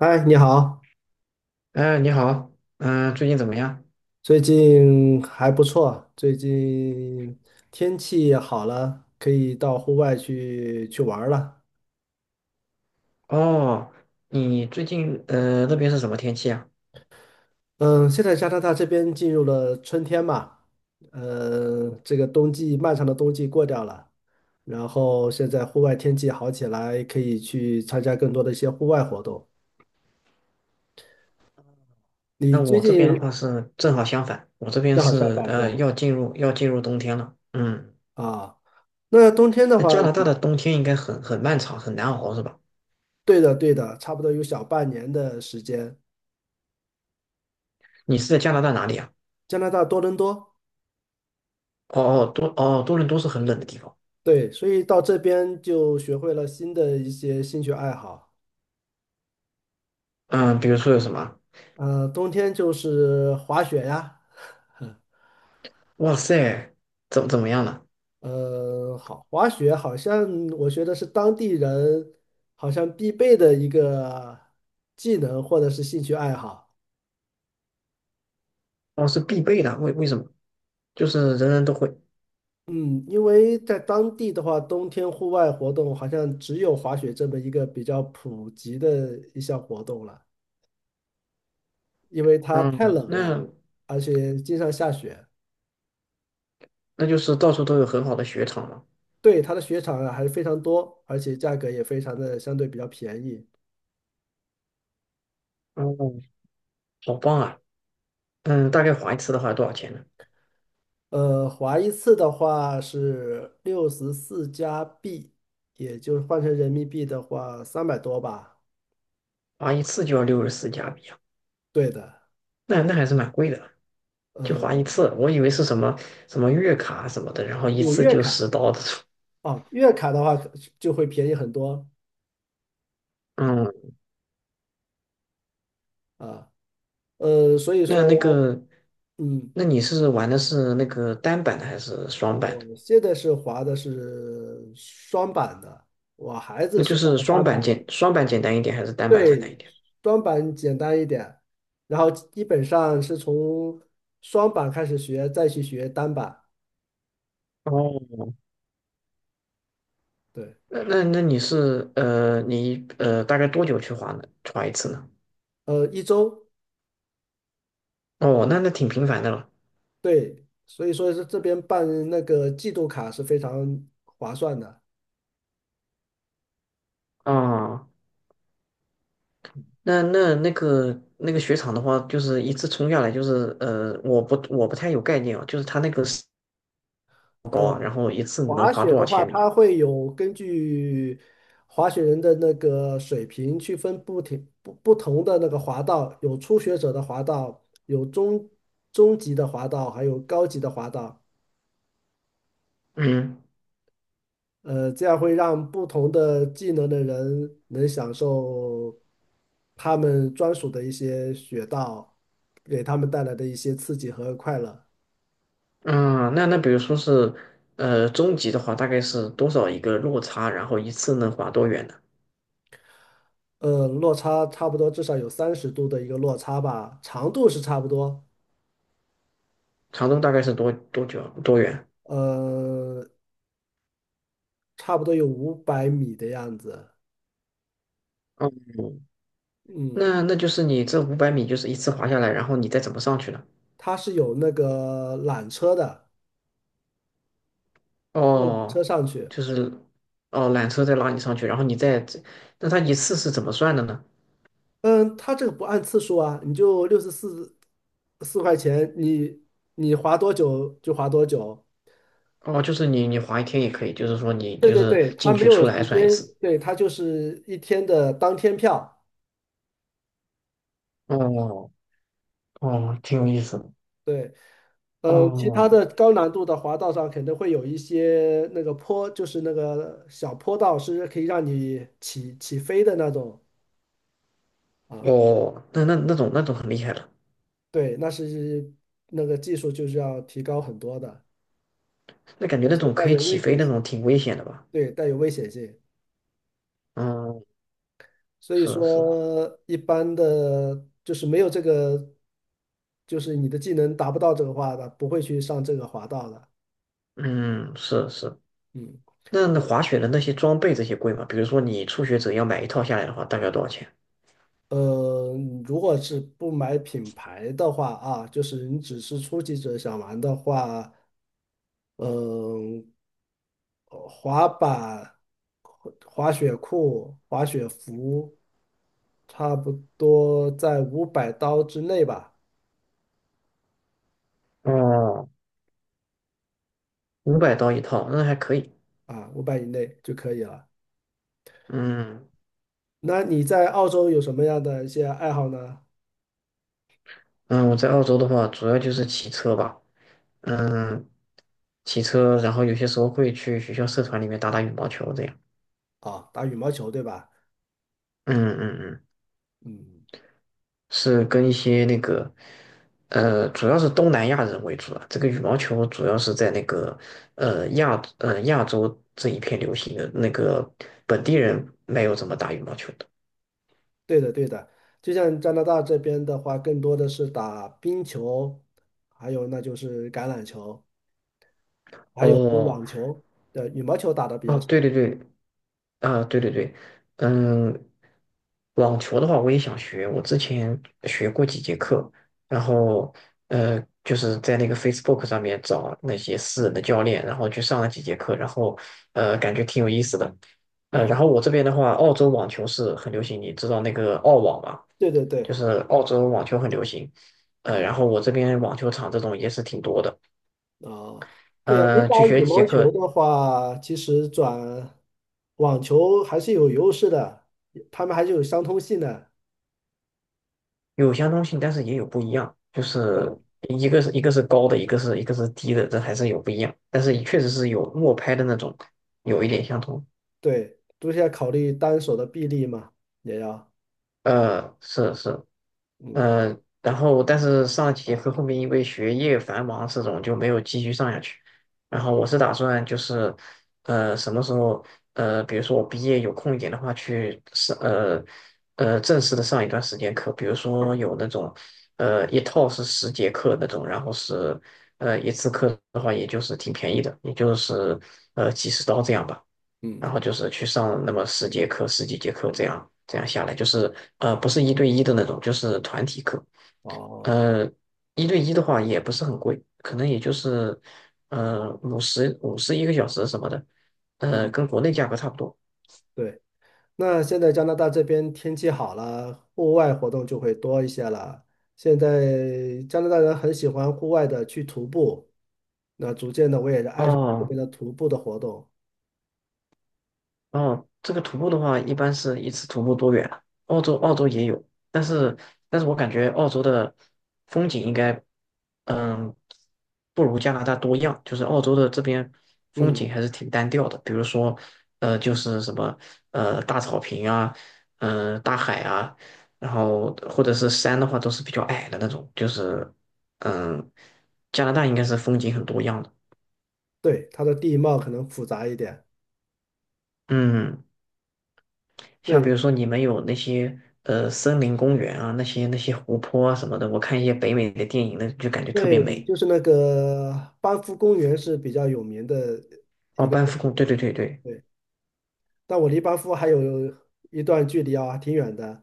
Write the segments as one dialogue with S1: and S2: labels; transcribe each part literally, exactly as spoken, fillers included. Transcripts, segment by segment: S1: 嗨，你好，
S2: 哎，你好，嗯、最近怎么样？
S1: 最近还不错，最近天气好了，可以到户外去去玩儿了。
S2: 哦，你最近呃那边是什么天气啊？
S1: 嗯，现在加拿大这边进入了春天嘛，呃，这个冬季漫长的冬季过掉了，然后现在户外天气好起来，可以去参加更多的一些户外活动。你
S2: 那
S1: 最
S2: 我这边的话
S1: 近
S2: 是正好相反，我这边
S1: 正好相
S2: 是
S1: 反是
S2: 呃
S1: 吧？
S2: 要进入要进入冬天了。嗯，
S1: 啊，那冬天的
S2: 那
S1: 话，
S2: 加拿大的冬天应该很很漫长，很难熬是吧？
S1: 对的对的，差不多有小半年的时间，
S2: 你是在加拿大哪里啊？
S1: 加拿大多伦多。
S2: 哦哦，多哦多伦多是很冷的地方。
S1: 对，所以到这边就学会了新的一些兴趣爱好。
S2: 嗯，比如说有什么？
S1: 呃，冬天就是滑雪呀。
S2: 哇塞，怎怎么样呢？
S1: 呃，好，滑雪好像我觉得是当地人好像必备的一个技能或者是兴趣爱好。
S2: 哦，是必备的，为为什么？就是人人都会。
S1: 嗯，因为在当地的话，冬天户外活动好像只有滑雪这么一个比较普及的一项活动了，因为它
S2: 嗯，
S1: 太冷了，
S2: 那
S1: 而且经常下雪。
S2: 那就是到处都有很好的雪场嘛。
S1: 对，它的雪场啊还是非常多，而且价格也非常的相对比较便宜。
S2: 哦，好棒啊！嗯，大概划一次的话多少钱呢？
S1: 呃，滑一次的话是六十四加币，也就是换成人民币的话三百多吧。
S2: 划一次就要六十四加币啊，
S1: 对的。
S2: 那那还是蛮贵的，就
S1: 呃，
S2: 划一次。我以为是什么什么月卡什么的，然后
S1: 哦
S2: 一
S1: 有
S2: 次
S1: 月
S2: 就
S1: 卡，
S2: 十刀的。
S1: 哦，月卡的话可就会便宜很多
S2: 嗯，
S1: 啊。呃，所以
S2: 那那
S1: 说，
S2: 个，
S1: 嗯，
S2: 那你是玩的是那个单板的还是双板的？
S1: 我现在是滑的是双板的，我孩
S2: 那
S1: 子是
S2: 就
S1: 滑
S2: 是
S1: 的
S2: 双
S1: 单
S2: 板
S1: 板。
S2: 简双板简单一点还是单板简单一
S1: 对，
S2: 点？
S1: 双板简单一点，然后基本上是从双板开始学，再去学单板。
S2: 哦，
S1: 对。
S2: 那那那你是呃你呃大概多久去划呢？划一次呢？
S1: 呃，一周。
S2: 哦，那那挺频繁的了。
S1: 对，所以说是这边办那个季度卡是非常划算的。
S2: 哦，那那那个那个雪场的话，就是一次冲下来，就是呃，我不我不太有概念啊，就是它那个是多
S1: 呃，
S2: 高啊，然后一次能
S1: 滑
S2: 滑
S1: 雪
S2: 多少
S1: 的话，
S2: 千米啊？
S1: 它会有根据滑雪人的那个水平去分不停不不同的那个滑道，有初学者的滑道，有中中级的滑道，还有高级的滑道。
S2: 嗯
S1: 呃，这样会让不同的技能的人能享受他们专属的一些雪道，给他们带来的一些刺激和快乐。
S2: 啊那那比如说是呃中级的话，大概是多少一个落差，然后一次能滑多远呢？
S1: 呃，落差差不多至少有三十度的一个落差吧，长度是差不多，
S2: 长度大概是多多久多远？
S1: 呃，差不多有五百米的样子。
S2: 哦，
S1: 嗯，
S2: 那那就是你这五百米就是一次滑下来，然后你再怎么上去呢？
S1: 它是有那个缆车的，坐缆车
S2: 哦，
S1: 上去。
S2: 就是哦缆车再拉你上去，然后你再，那它一次是怎么算的呢？
S1: 嗯，它这个不按次数啊，你就六十四四块钱，你你划多久就划多久。
S2: 哦，就是你你滑一天也可以，就是说你
S1: 对
S2: 就
S1: 对
S2: 是
S1: 对，它
S2: 进
S1: 没
S2: 去
S1: 有
S2: 出来
S1: 时
S2: 算一
S1: 间，
S2: 次。
S1: 对，它就是一天的当天票。
S2: 哦哦，挺有意思的。
S1: 对。嗯，其
S2: 哦
S1: 他的高难度的滑道上肯定会有一些那个坡，就是那个小坡道是可以让你起起飞的那种啊。
S2: 哦，那那那种那种很厉害了，
S1: 对，那是那个技术就是要提高很多的，
S2: 那感觉那
S1: 现
S2: 种
S1: 在
S2: 可以
S1: 有
S2: 起
S1: 危
S2: 飞
S1: 险
S2: 那种
S1: 性，
S2: 挺危险的吧？
S1: 对，带有危险性。
S2: 嗯，
S1: 所以
S2: 是是，
S1: 说一般的就是没有这个，就是你的技能达不到这个话的，不会去上这个滑道的。
S2: 嗯是是。
S1: 嗯。
S2: 那那滑雪的那些装备这些贵吗？比如说你初学者要买一套下来的话，大概多少钱？
S1: 呃，如果是不买品牌的话啊，就是你只是初级者想玩的话，嗯、滑板、滑雪裤、滑雪服，差不多在五百刀之内吧。
S2: 哦，五百刀一套，那还可以。
S1: 啊，五百以内就可以了。
S2: 嗯
S1: 那你在澳洲有什么样的一些爱好呢？
S2: 嗯，我在澳洲的话，主要就是骑车吧。嗯，骑车，然后有些时候会去学校社团里面打打羽毛球这样。
S1: 啊，打羽毛球对吧？
S2: 嗯嗯嗯，
S1: 嗯，
S2: 是跟一些那个，呃，主要是东南亚人为主啊。这个羽毛球主要是在那个呃亚呃亚洲这一片流行的，那个本地人没有怎么打羽毛球的。
S1: 对的对的，就像加拿大这边的话，更多的是打冰球，还有那就是橄榄球，还有就
S2: 哦
S1: 网球。对，羽毛球打的比
S2: 哦，
S1: 较少。
S2: 对对对，啊，对对对，嗯，网球的话我也想学，我之前学过几节课，然后呃，就是在那个 Facebook 上面找那些私人的教练，然后去上了几节课，然后呃，感觉挺有意思的。呃，
S1: 嗯，
S2: 然后我这边的话，澳洲网球是很流行，你知道那个澳网吗？
S1: 对对
S2: 就
S1: 对，
S2: 是澳洲网球很流行，呃，
S1: 嗯
S2: 然后我这边网球场这种也是挺多的，
S1: 啊，对呀，你
S2: 呃，
S1: 打
S2: 去学
S1: 羽
S2: 几节
S1: 毛球
S2: 课，
S1: 的话，其实转网球还是有优势的，他们还是有相通性的。
S2: 有相通性，但是也有不一样，就是
S1: 对
S2: 一个是一个是高的，一个是一个是低的，这还是有不一样，但是确实是有默拍的那种有一点相通。
S1: 对，都是要考虑单手的臂力嘛，也要，
S2: 呃，是是，
S1: 嗯
S2: 嗯、呃，然后但是上几节课后面因为学业繁忙这种就没有继续上下去。然后我是打算就是，呃，什么时候呃，比如说我毕业有空一点的话，去上呃呃正式的上一段时间课，比如说有那种呃一套是十节课那种，然后是呃一次课的话，也就是挺便宜的，也就是呃几十刀这样吧。
S1: 嗯，
S2: 然后就是去上那么十节课、十几节课这样，这样下来就是呃不是一对一的那种，就是团体课。
S1: 哦，
S2: 呃，一对一的话也不是很贵，可能也就是呃五十五十一个小时什么的，呃
S1: 嗯。
S2: 跟国内价格差不多。
S1: 对。那现在加拿大这边天气好了，户外活动就会多一些了。现在加拿大人很喜欢户外的去徒步，那逐渐的我也是爱上这
S2: 哦，
S1: 边的徒步的活动。
S2: 哦，这个徒步的话，一般是一次徒步多远啊？澳洲澳洲也有，但是但是我感觉澳洲的风景应该，嗯，不如加拿大多样。就是澳洲的这边风景
S1: 嗯，
S2: 还是挺单调的，比如说，呃，就是什么呃大草坪啊，嗯、大海啊，然后或者是山的话，都是比较矮的那种。就是嗯，加拿大应该是风景很多样的。
S1: 对，它的地貌可能复杂一点。
S2: 嗯，像比
S1: 对
S2: 如说你们有那些呃森林公园啊，那些那些湖泊啊什么的，我看一些北美的电影那就感觉特别
S1: 对，
S2: 美。
S1: 就是那个班夫公园是比较有名的一
S2: 哦，
S1: 个。
S2: 班夫公，对对对对，
S1: 对，但我离班夫还有一段距离啊，挺远的。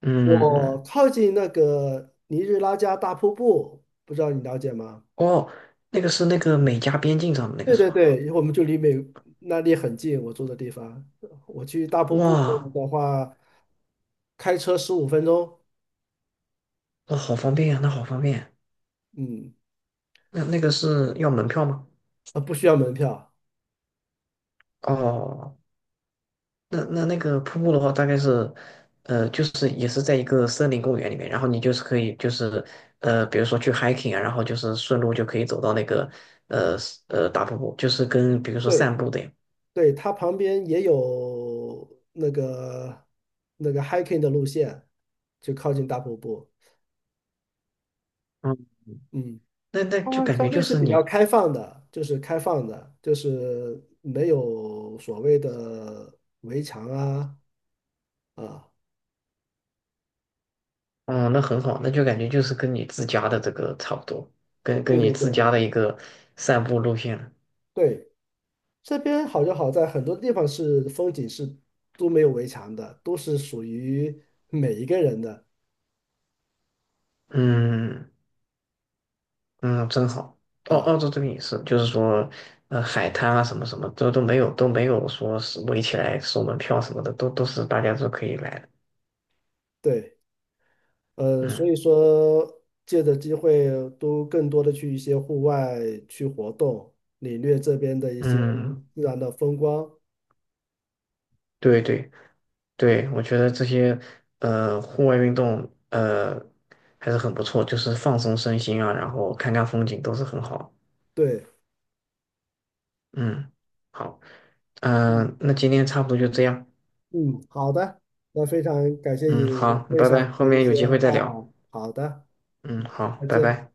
S2: 嗯嗯，
S1: 我
S2: 嗯
S1: 靠近那个尼日拉加大瀑布，不知道你了解吗？
S2: 哦，那个是那个美加边境上的那个
S1: 对
S2: 是
S1: 对
S2: 吧？
S1: 对，我们就离美那里很近，我住的地方，我去大瀑布
S2: 哇，
S1: 的话，开车十五分钟。
S2: 那好方便呀，那好方便。
S1: 嗯，
S2: 那那个是要门票吗？哦那那那个瀑布的话，大概是，呃，就是也是在一个森林公园里面，然后你就是可以就是，呃，比如说去 hiking 啊，然后就是顺路就可以走到那个，呃呃大瀑布，就是跟比如说散
S1: 对
S2: 步的呀，
S1: 对，它旁边也有那个那个 hiking 的路线，就靠近大瀑布。
S2: 嗯，
S1: 嗯，
S2: 那那就
S1: 它
S2: 感觉
S1: 相
S2: 就
S1: 对是
S2: 是
S1: 比较
S2: 你，
S1: 开放的，就是开放的，就是没有所谓的围墙啊啊。
S2: 哦、那很好，那就感觉就是跟你自家的这个差不多，跟跟
S1: 对
S2: 你
S1: 对
S2: 自
S1: 对对
S2: 家的
S1: 对
S2: 一个散步路线了
S1: 对，这边好就好在很多地方是风景是都没有围墙的，都是属于每一个人的
S2: 嗯。嗯，真好。澳
S1: 啊。
S2: 澳洲这边也是，就是说，呃，海滩啊，什么什么，都都没有，都没有说是围起来收门票什么的，都都是大家都可以来的。
S1: 对。呃，所
S2: 嗯
S1: 以说借着机会都更多的去一些户外去活动，领略这边的一些
S2: 嗯，
S1: 自然的风光。
S2: 对对对，我觉得这些呃户外运动呃还是很不错，就是放松身心啊，然后看看风景都是很好。
S1: 对。
S2: 嗯，好，
S1: 嗯
S2: 嗯、那今天差不多就这样。
S1: 嗯，好的，那非常感谢你
S2: 嗯，好，
S1: 分
S2: 拜
S1: 享
S2: 拜，
S1: 你
S2: 后
S1: 的一
S2: 面有
S1: 些
S2: 机会再
S1: 爱
S2: 聊。
S1: 好。好的，
S2: 嗯，
S1: 嗯，
S2: 好，
S1: 再
S2: 拜
S1: 见。
S2: 拜。